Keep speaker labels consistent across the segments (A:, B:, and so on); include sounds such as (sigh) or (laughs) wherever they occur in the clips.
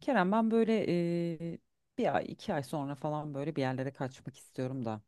A: Kerem, ben böyle bir ay iki ay sonra falan böyle bir yerlere kaçmak istiyorum da.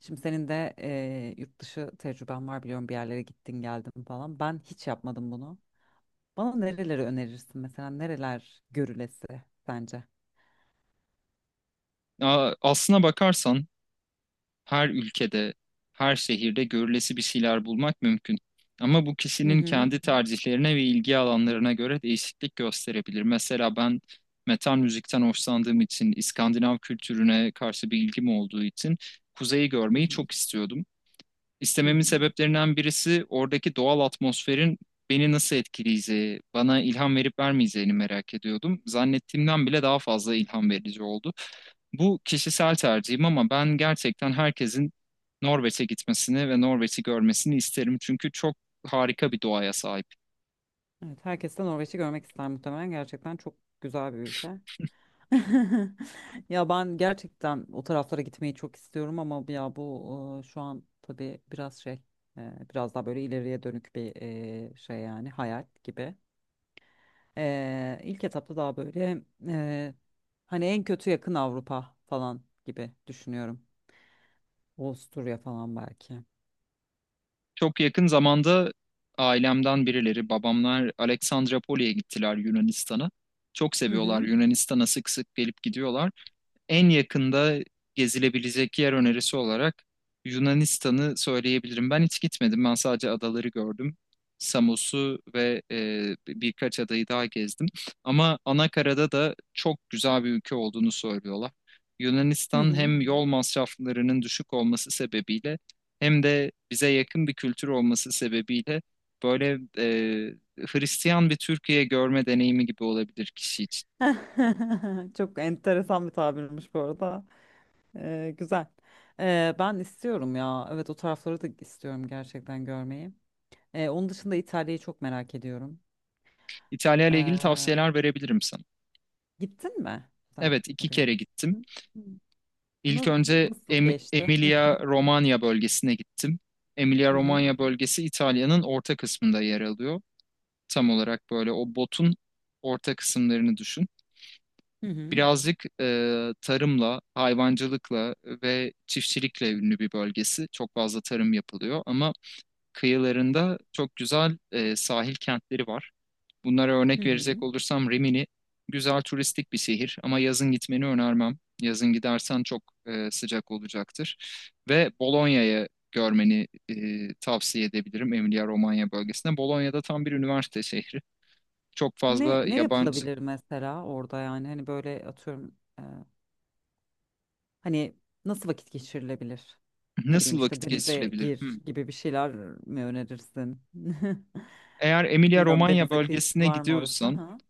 A: Şimdi senin de yurt dışı tecrüben var biliyorum, bir yerlere gittin geldin falan. Ben hiç yapmadım bunu. Bana nereleri önerirsin, mesela nereler görülesi sence?
B: Aslına bakarsan her ülkede, her şehirde görülesi bir şeyler bulmak mümkün. Ama bu
A: Hı
B: kişinin
A: hı.
B: kendi tercihlerine ve ilgi alanlarına göre değişiklik gösterebilir. Mesela ben metal müzikten hoşlandığım için, İskandinav kültürüne karşı bir ilgim olduğu için kuzeyi
A: Hı
B: görmeyi
A: hı.
B: çok istiyordum.
A: Hı
B: İstememin
A: hı.
B: sebeplerinden birisi oradaki doğal atmosferin beni nasıl etkileyeceği, bana ilham verip vermeyeceğini merak ediyordum. Zannettiğimden bile daha fazla ilham verici oldu. Bu kişisel tercihim ama ben gerçekten herkesin Norveç'e gitmesini ve Norveç'i görmesini isterim. Çünkü çok harika bir doğaya sahip.
A: Evet, herkes de Norveç'i görmek ister muhtemelen, gerçekten çok güzel bir ülke. (laughs) Ya ben gerçekten o taraflara gitmeyi çok istiyorum ama ya bu şu an tabii biraz şey biraz daha böyle ileriye dönük bir şey, yani hayal gibi. E, ilk etapta daha böyle e, hani en kötü yakın Avrupa falan gibi düşünüyorum. Avusturya falan belki.
B: Çok yakın zamanda ailemden birileri, babamlar Aleksandropoli'ye gittiler Yunanistan'a. Çok
A: Hı
B: seviyorlar,
A: hı.
B: Yunanistan'a sık sık gelip gidiyorlar. En yakında gezilebilecek yer önerisi olarak Yunanistan'ı söyleyebilirim. Ben hiç gitmedim. Ben sadece adaları gördüm. Samos'u ve birkaç adayı daha gezdim. Ama Anakara'da da çok güzel bir ülke olduğunu söylüyorlar.
A: Hı
B: Yunanistan
A: hı.
B: hem yol masraflarının düşük olması sebebiyle hem de bize yakın bir kültür olması sebebiyle böyle Hristiyan bir Türkiye görme deneyimi gibi olabilir kişi için.
A: (laughs) Çok enteresan bir tabirmiş bu arada. Güzel. Ben istiyorum ya. Evet, o tarafları da istiyorum gerçekten görmeyi. Onun dışında İtalya'yı çok merak ediyorum.
B: İtalya ile ilgili
A: Ee,
B: tavsiyeler verebilirim sana.
A: Gittin mi sen
B: Evet, iki
A: oraya?
B: kere gittim.
A: Hı. Hı.
B: İlk
A: Na-
B: önce
A: Nasıl geçti?
B: Emilia-Romanya bölgesine gittim.
A: Hı hı.
B: Emilia-Romanya bölgesi İtalya'nın orta kısmında yer alıyor. Tam olarak böyle o botun orta kısımlarını düşün.
A: Hı hı.
B: Birazcık tarımla, hayvancılıkla ve çiftçilikle ünlü bir bölgesi. Çok fazla tarım yapılıyor ama kıyılarında çok güzel sahil kentleri var. Bunlara
A: Hı
B: örnek verecek
A: hı.
B: olursam Rimini güzel turistik bir şehir ama yazın gitmeni önermem. Yazın gidersen çok sıcak olacaktır. Ve Bolonya'yı görmeni tavsiye edebilirim Emilia-Romanya bölgesinde. Bolonya'da tam bir üniversite şehri. Çok
A: Ne
B: fazla
A: ne
B: yabancı.
A: yapılabilir mesela orada, yani hani böyle atıyorum, hani nasıl vakit geçirilebilir? Ne bileyim,
B: Nasıl
A: işte
B: vakit
A: denize
B: geçirilebilir?
A: gir
B: Hmm.
A: gibi bir şeyler mi önerirsin? (laughs)
B: Eğer
A: Bilmiyorum,
B: Emilia-Romanya
A: denize kıyısı
B: bölgesine
A: var mı orası?
B: gidiyorsan
A: Ha?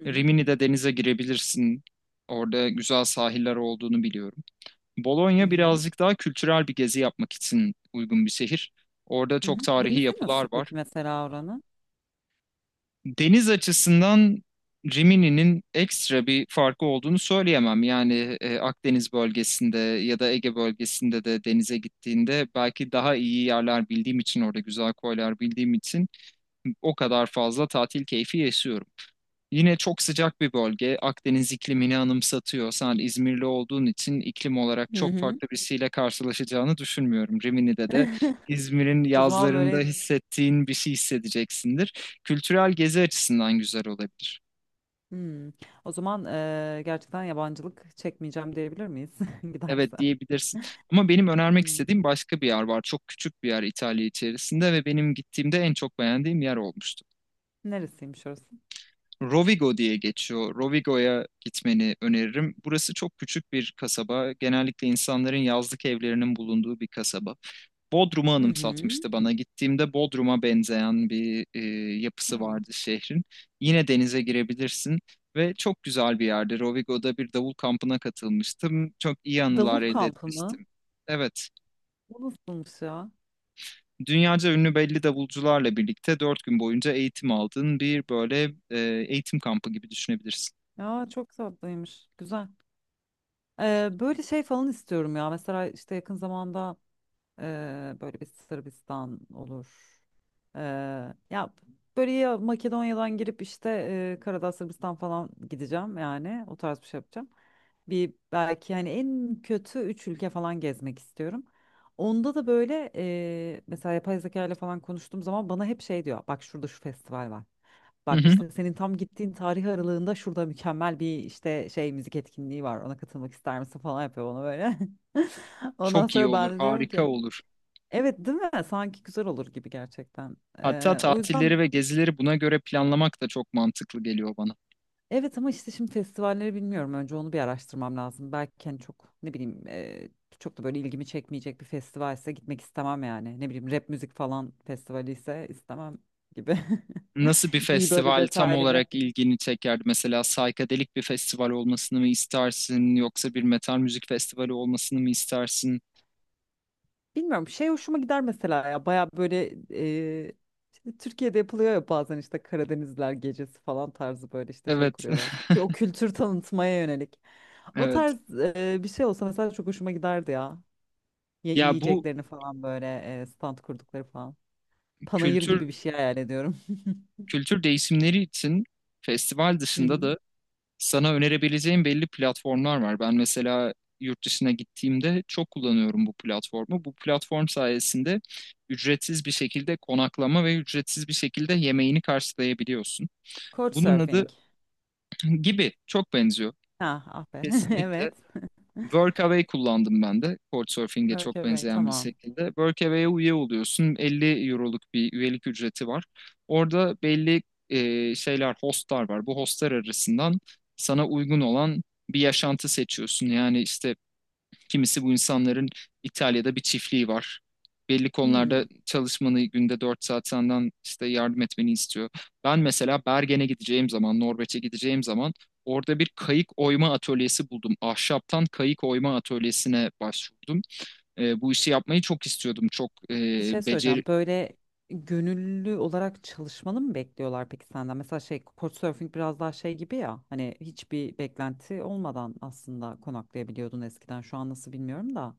A: Hı hı.
B: Rimini'de denize girebilirsin. Orada güzel sahiller olduğunu biliyorum.
A: Hı
B: Bologna
A: hı.
B: birazcık daha kültürel bir gezi yapmak için uygun bir şehir. Orada
A: Hı hı.
B: çok tarihi
A: Denizi
B: yapılar
A: nasıl
B: var.
A: peki mesela oranın?
B: Deniz açısından Rimini'nin ekstra bir farkı olduğunu söyleyemem. Yani Akdeniz bölgesinde ya da Ege bölgesinde de denize gittiğinde belki daha iyi yerler bildiğim için, orada güzel koylar bildiğim için o kadar fazla tatil keyfi yaşıyorum. Yine çok sıcak bir bölge. Akdeniz iklimini anımsatıyor. Sen İzmirli olduğun için iklim olarak
A: Hı
B: çok
A: hı.
B: farklı birisiyle karşılaşacağını düşünmüyorum. Rimini'de de
A: (laughs)
B: İzmir'in
A: O zaman
B: yazlarında
A: böyle.
B: hissettiğin bir şey hissedeceksindir. Kültürel gezi açısından güzel olabilir.
A: Hmm. O zaman gerçekten yabancılık çekmeyeceğim diyebilir miyiz (laughs) giderse?
B: Evet, diyebilirsin. Ama benim önermek
A: Hmm.
B: istediğim başka bir yer var. Çok küçük bir yer İtalya içerisinde ve benim gittiğimde en çok beğendiğim yer olmuştu.
A: Neresiymiş orası?
B: Rovigo diye geçiyor. Rovigo'ya gitmeni öneririm. Burası çok küçük bir kasaba. Genellikle insanların yazlık evlerinin bulunduğu bir kasaba. Bodrum'u
A: Hı hı.
B: anımsatmıştı bana. Gittiğimde Bodrum'a benzeyen bir yapısı
A: Ya.
B: vardı şehrin. Yine denize girebilirsin ve çok güzel bir yerde. Rovigo'da bir davul kampına katılmıştım. Çok iyi
A: Davul
B: anılar elde
A: kampı mı?
B: etmiştim. Evet,
A: Bu nasılmış ya?
B: dünyaca ünlü belli davulcularla birlikte 4 gün boyunca eğitim aldığın bir böyle eğitim kampı gibi düşünebilirsin.
A: Ya çok tatlıymış. Güzel. Böyle şey falan istiyorum ya. Mesela işte yakın zamanda Eee, böyle bir Sırbistan olur. Eee, Ya böyle, ya Makedonya'dan girip işte Karadağ, Sırbistan falan gideceğim, yani o tarz bir şey yapacağım. Bir belki, hani en kötü üç ülke falan gezmek istiyorum. Onda da böyle mesela yapay zeka ile falan konuştuğum zaman bana hep şey diyor. Bak şurada şu festival var. Bak
B: (laughs)
A: işte senin tam gittiğin tarih aralığında şurada mükemmel bir işte şey müzik etkinliği var. Ona katılmak ister misin falan yapıyor bana böyle. (laughs) Ondan
B: Çok iyi
A: sonra ben
B: olur,
A: de diyorum
B: harika
A: ki.
B: olur.
A: Evet, değil mi? Sanki güzel olur gibi gerçekten.
B: Hatta
A: O yüzden
B: tatilleri ve gezileri buna göre planlamak da çok mantıklı geliyor bana.
A: evet, ama işte şimdi festivalleri bilmiyorum. Önce onu bir araştırmam lazım. Belki hani çok ne bileyim, çok da böyle ilgimi çekmeyecek bir festivalse gitmek istemem yani. Ne bileyim, rap müzik falan festivali ise istemem gibi.
B: Nasıl bir
A: (laughs) İyi, böyle
B: festival tam
A: detaylı ve
B: olarak ilgini çekerdi? Mesela saykadelik bir festival olmasını mı istersin, yoksa bir metal müzik festivali olmasını mı istersin?
A: bilmiyorum, şey hoşuma gider mesela ya. Baya böyle e, işte Türkiye'de yapılıyor ya bazen, işte Karadenizler gecesi falan tarzı böyle işte şey
B: Evet,
A: kuruyorlar. Bir o kültür tanıtmaya yönelik. O
B: (laughs) evet.
A: tarz bir şey olsa mesela çok hoşuma giderdi ya. Ya
B: Ya bu
A: yiyeceklerini falan böyle stand kurdukları falan. Panayır
B: kültür
A: gibi bir şey hayal ediyorum.
B: kültür değişimleri için festival
A: (laughs) Hı hı.
B: dışında da sana önerebileceğim belli platformlar var. Ben mesela yurt dışına gittiğimde çok kullanıyorum bu platformu. Bu platform sayesinde ücretsiz bir şekilde konaklama ve ücretsiz bir şekilde yemeğini karşılayabiliyorsun. Bunun adı
A: Couchsurfing.
B: gibi çok benziyor.
A: Ha, ah be. (laughs)
B: Kesinlikle
A: Evet.
B: Workaway kullandım ben de. Couchsurfing'e çok
A: Workaway,
B: benzeyen bir
A: tamam.
B: şekilde Workaway'e üye oluyorsun. 50 euroluk bir üyelik ücreti var. Orada belli şeyler, hostlar var. Bu hostlar arasından sana uygun olan bir yaşantı seçiyorsun. Yani işte kimisi, bu insanların İtalya'da bir çiftliği var. Belli
A: Hmm.
B: konularda çalışmanı, günde 4 saat senden işte yardım etmeni istiyor. Ben mesela Bergen'e gideceğim zaman, Norveç'e gideceğim zaman orada bir kayık oyma atölyesi buldum. Ahşaptan kayık oyma atölyesine başvurdum. Bu işi yapmayı çok istiyordum. Çok e,
A: Bir şey
B: becer
A: söyleyeceğim. Böyle gönüllü olarak çalışmanı mı bekliyorlar peki senden? Mesela şey Couchsurfing biraz daha şey gibi ya. Hani hiçbir beklenti olmadan aslında konaklayabiliyordun eskiden. Şu an nasıl bilmiyorum da.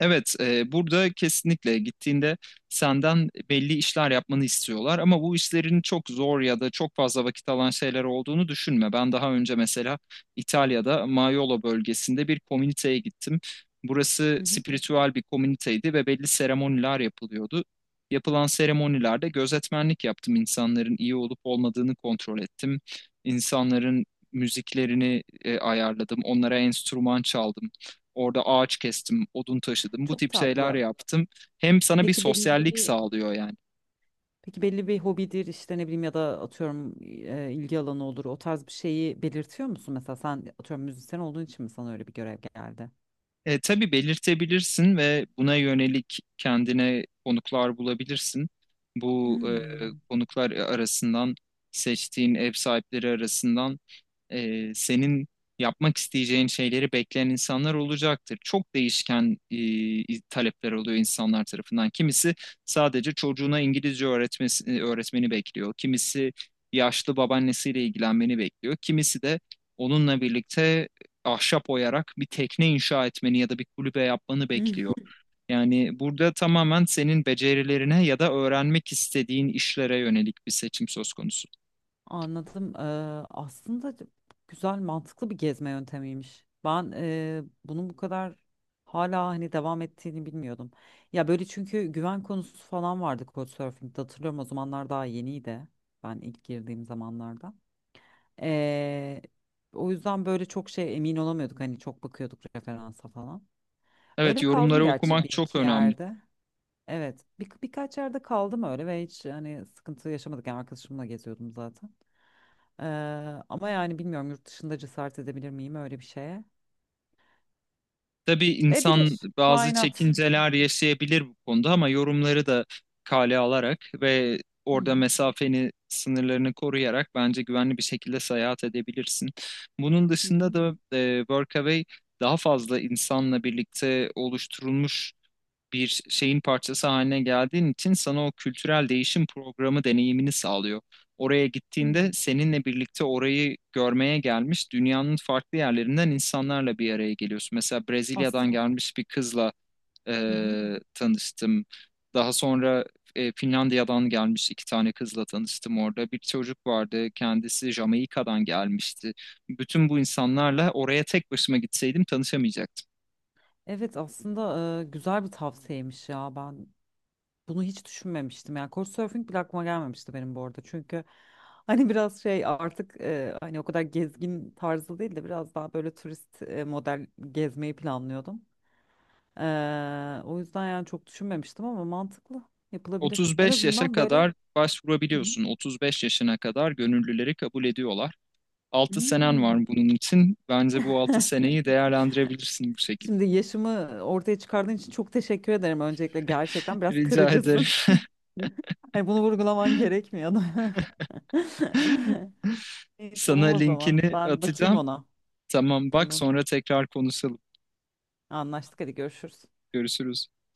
B: Evet, burada kesinlikle gittiğinde senden belli işler yapmanı istiyorlar ama bu işlerin çok zor ya da çok fazla vakit alan şeyler olduğunu düşünme. Ben daha önce mesela İtalya'da Maiolo bölgesinde bir komüniteye gittim. Burası
A: Hı hı.
B: spiritüel bir komüniteydi ve belli seremoniler yapılıyordu. Yapılan seremonilerde gözetmenlik yaptım. İnsanların iyi olup olmadığını kontrol ettim. İnsanların müziklerini ayarladım. Onlara enstrüman çaldım. Orada ağaç kestim, odun taşıdım, bu
A: Çok
B: tip şeyler
A: tatlı.
B: yaptım. Hem sana bir
A: Peki belli
B: sosyallik
A: bir
B: sağlıyor yani.
A: peki belli bir hobidir işte, ne bileyim, ya da atıyorum, ilgi alanı olur. O tarz bir şeyi belirtiyor musun? Mesela sen atıyorum müzisyen olduğun için mi sana öyle bir görev geldi?
B: Tabii belirtebilirsin ve buna yönelik kendine konuklar bulabilirsin. Bu
A: Hmm.
B: konuklar arasından, seçtiğin ev sahipleri arasından senin yapmak isteyeceğin şeyleri bekleyen insanlar olacaktır. Çok değişken talepler oluyor insanlar tarafından. Kimisi sadece çocuğuna İngilizce öğretmesi, öğretmeni bekliyor. Kimisi yaşlı babaannesiyle ilgilenmeni bekliyor. Kimisi de onunla birlikte ahşap oyarak bir tekne inşa etmeni ya da bir kulübe yapmanı bekliyor.
A: (laughs)
B: Yani burada tamamen senin becerilerine ya da öğrenmek istediğin işlere yönelik bir seçim söz konusu.
A: Anladım. Aslında güzel, mantıklı bir gezme yöntemiymiş. Ben bunun bu kadar hala hani devam ettiğini bilmiyordum. Ya böyle, çünkü güven konusu falan vardı Couchsurfing'de, hatırlıyorum o zamanlar daha yeniydi. Ben ilk girdiğim zamanlarda. Ee, O yüzden böyle çok şey emin olamıyorduk, hani çok bakıyorduk referansa falan.
B: Evet,
A: Öyle kaldım
B: yorumları
A: gerçi
B: okumak
A: bir
B: çok
A: iki
B: önemli.
A: yerde. Evet, birkaç yerde kaldım öyle ve hiç hani sıkıntı yaşamadık. Yani arkadaşımla geziyordum zaten. Ee, Ama yani bilmiyorum, yurt dışında cesaret edebilir miyim öyle bir şeye?
B: Tabii insan
A: Edilir. Why
B: bazı
A: not?
B: çekinceler yaşayabilir bu konuda ama yorumları da kale alarak ve orada mesafeni, sınırlarını koruyarak bence güvenli bir şekilde seyahat edebilirsin. Bunun
A: Hı
B: dışında
A: hı.
B: da Workaway daha fazla insanla birlikte oluşturulmuş bir şeyin parçası haline geldiğin için sana o kültürel değişim programı deneyimini sağlıyor. Oraya
A: Hmm.
B: gittiğinde seninle birlikte orayı görmeye gelmiş dünyanın farklı yerlerinden insanlarla bir araya geliyorsun. Mesela
A: Aslında
B: Brezilya'dan gelmiş bir kızla e,
A: hı hı.
B: tanıştım. Daha sonra Finlandiya'dan gelmiş iki tane kızla tanıştım orada. Bir çocuk vardı, kendisi Jamaika'dan gelmişti. Bütün bu insanlarla oraya tek başıma gitseydim tanışamayacaktım.
A: Evet, aslında güzel bir tavsiyemiş ya. Ben bunu hiç düşünmemiştim. Yani Couchsurfing bile aklıma gelmemişti benim bu arada. Çünkü (laughs) hani biraz şey artık, hani o kadar gezgin tarzı değil de biraz daha böyle turist model gezmeyi planlıyordum. O yüzden yani çok düşünmemiştim ama mantıklı, yapılabilir. En
B: 35 yaşa
A: azından böyle.
B: kadar
A: Hı hı.
B: başvurabiliyorsun. 35 yaşına kadar gönüllüleri kabul ediyorlar. 6 senen var
A: Hmm.
B: bunun için. Bence bu 6 seneyi değerlendirebilirsin bu şekilde.
A: Şimdi yaşımı ortaya çıkardığın için çok teşekkür ederim öncelikle. Gerçekten
B: (laughs)
A: biraz
B: Rica ederim.
A: kırıcısın. (laughs) Hani bunu vurgulaman gerekmiyordu.
B: (laughs)
A: (laughs) İyi,
B: Sana
A: tamam o zaman.
B: linkini
A: Ben bakayım
B: atacağım.
A: ona.
B: Tamam, bak
A: Tamam.
B: sonra tekrar konuşalım.
A: Anlaştık. Hadi görüşürüz.
B: Görüşürüz.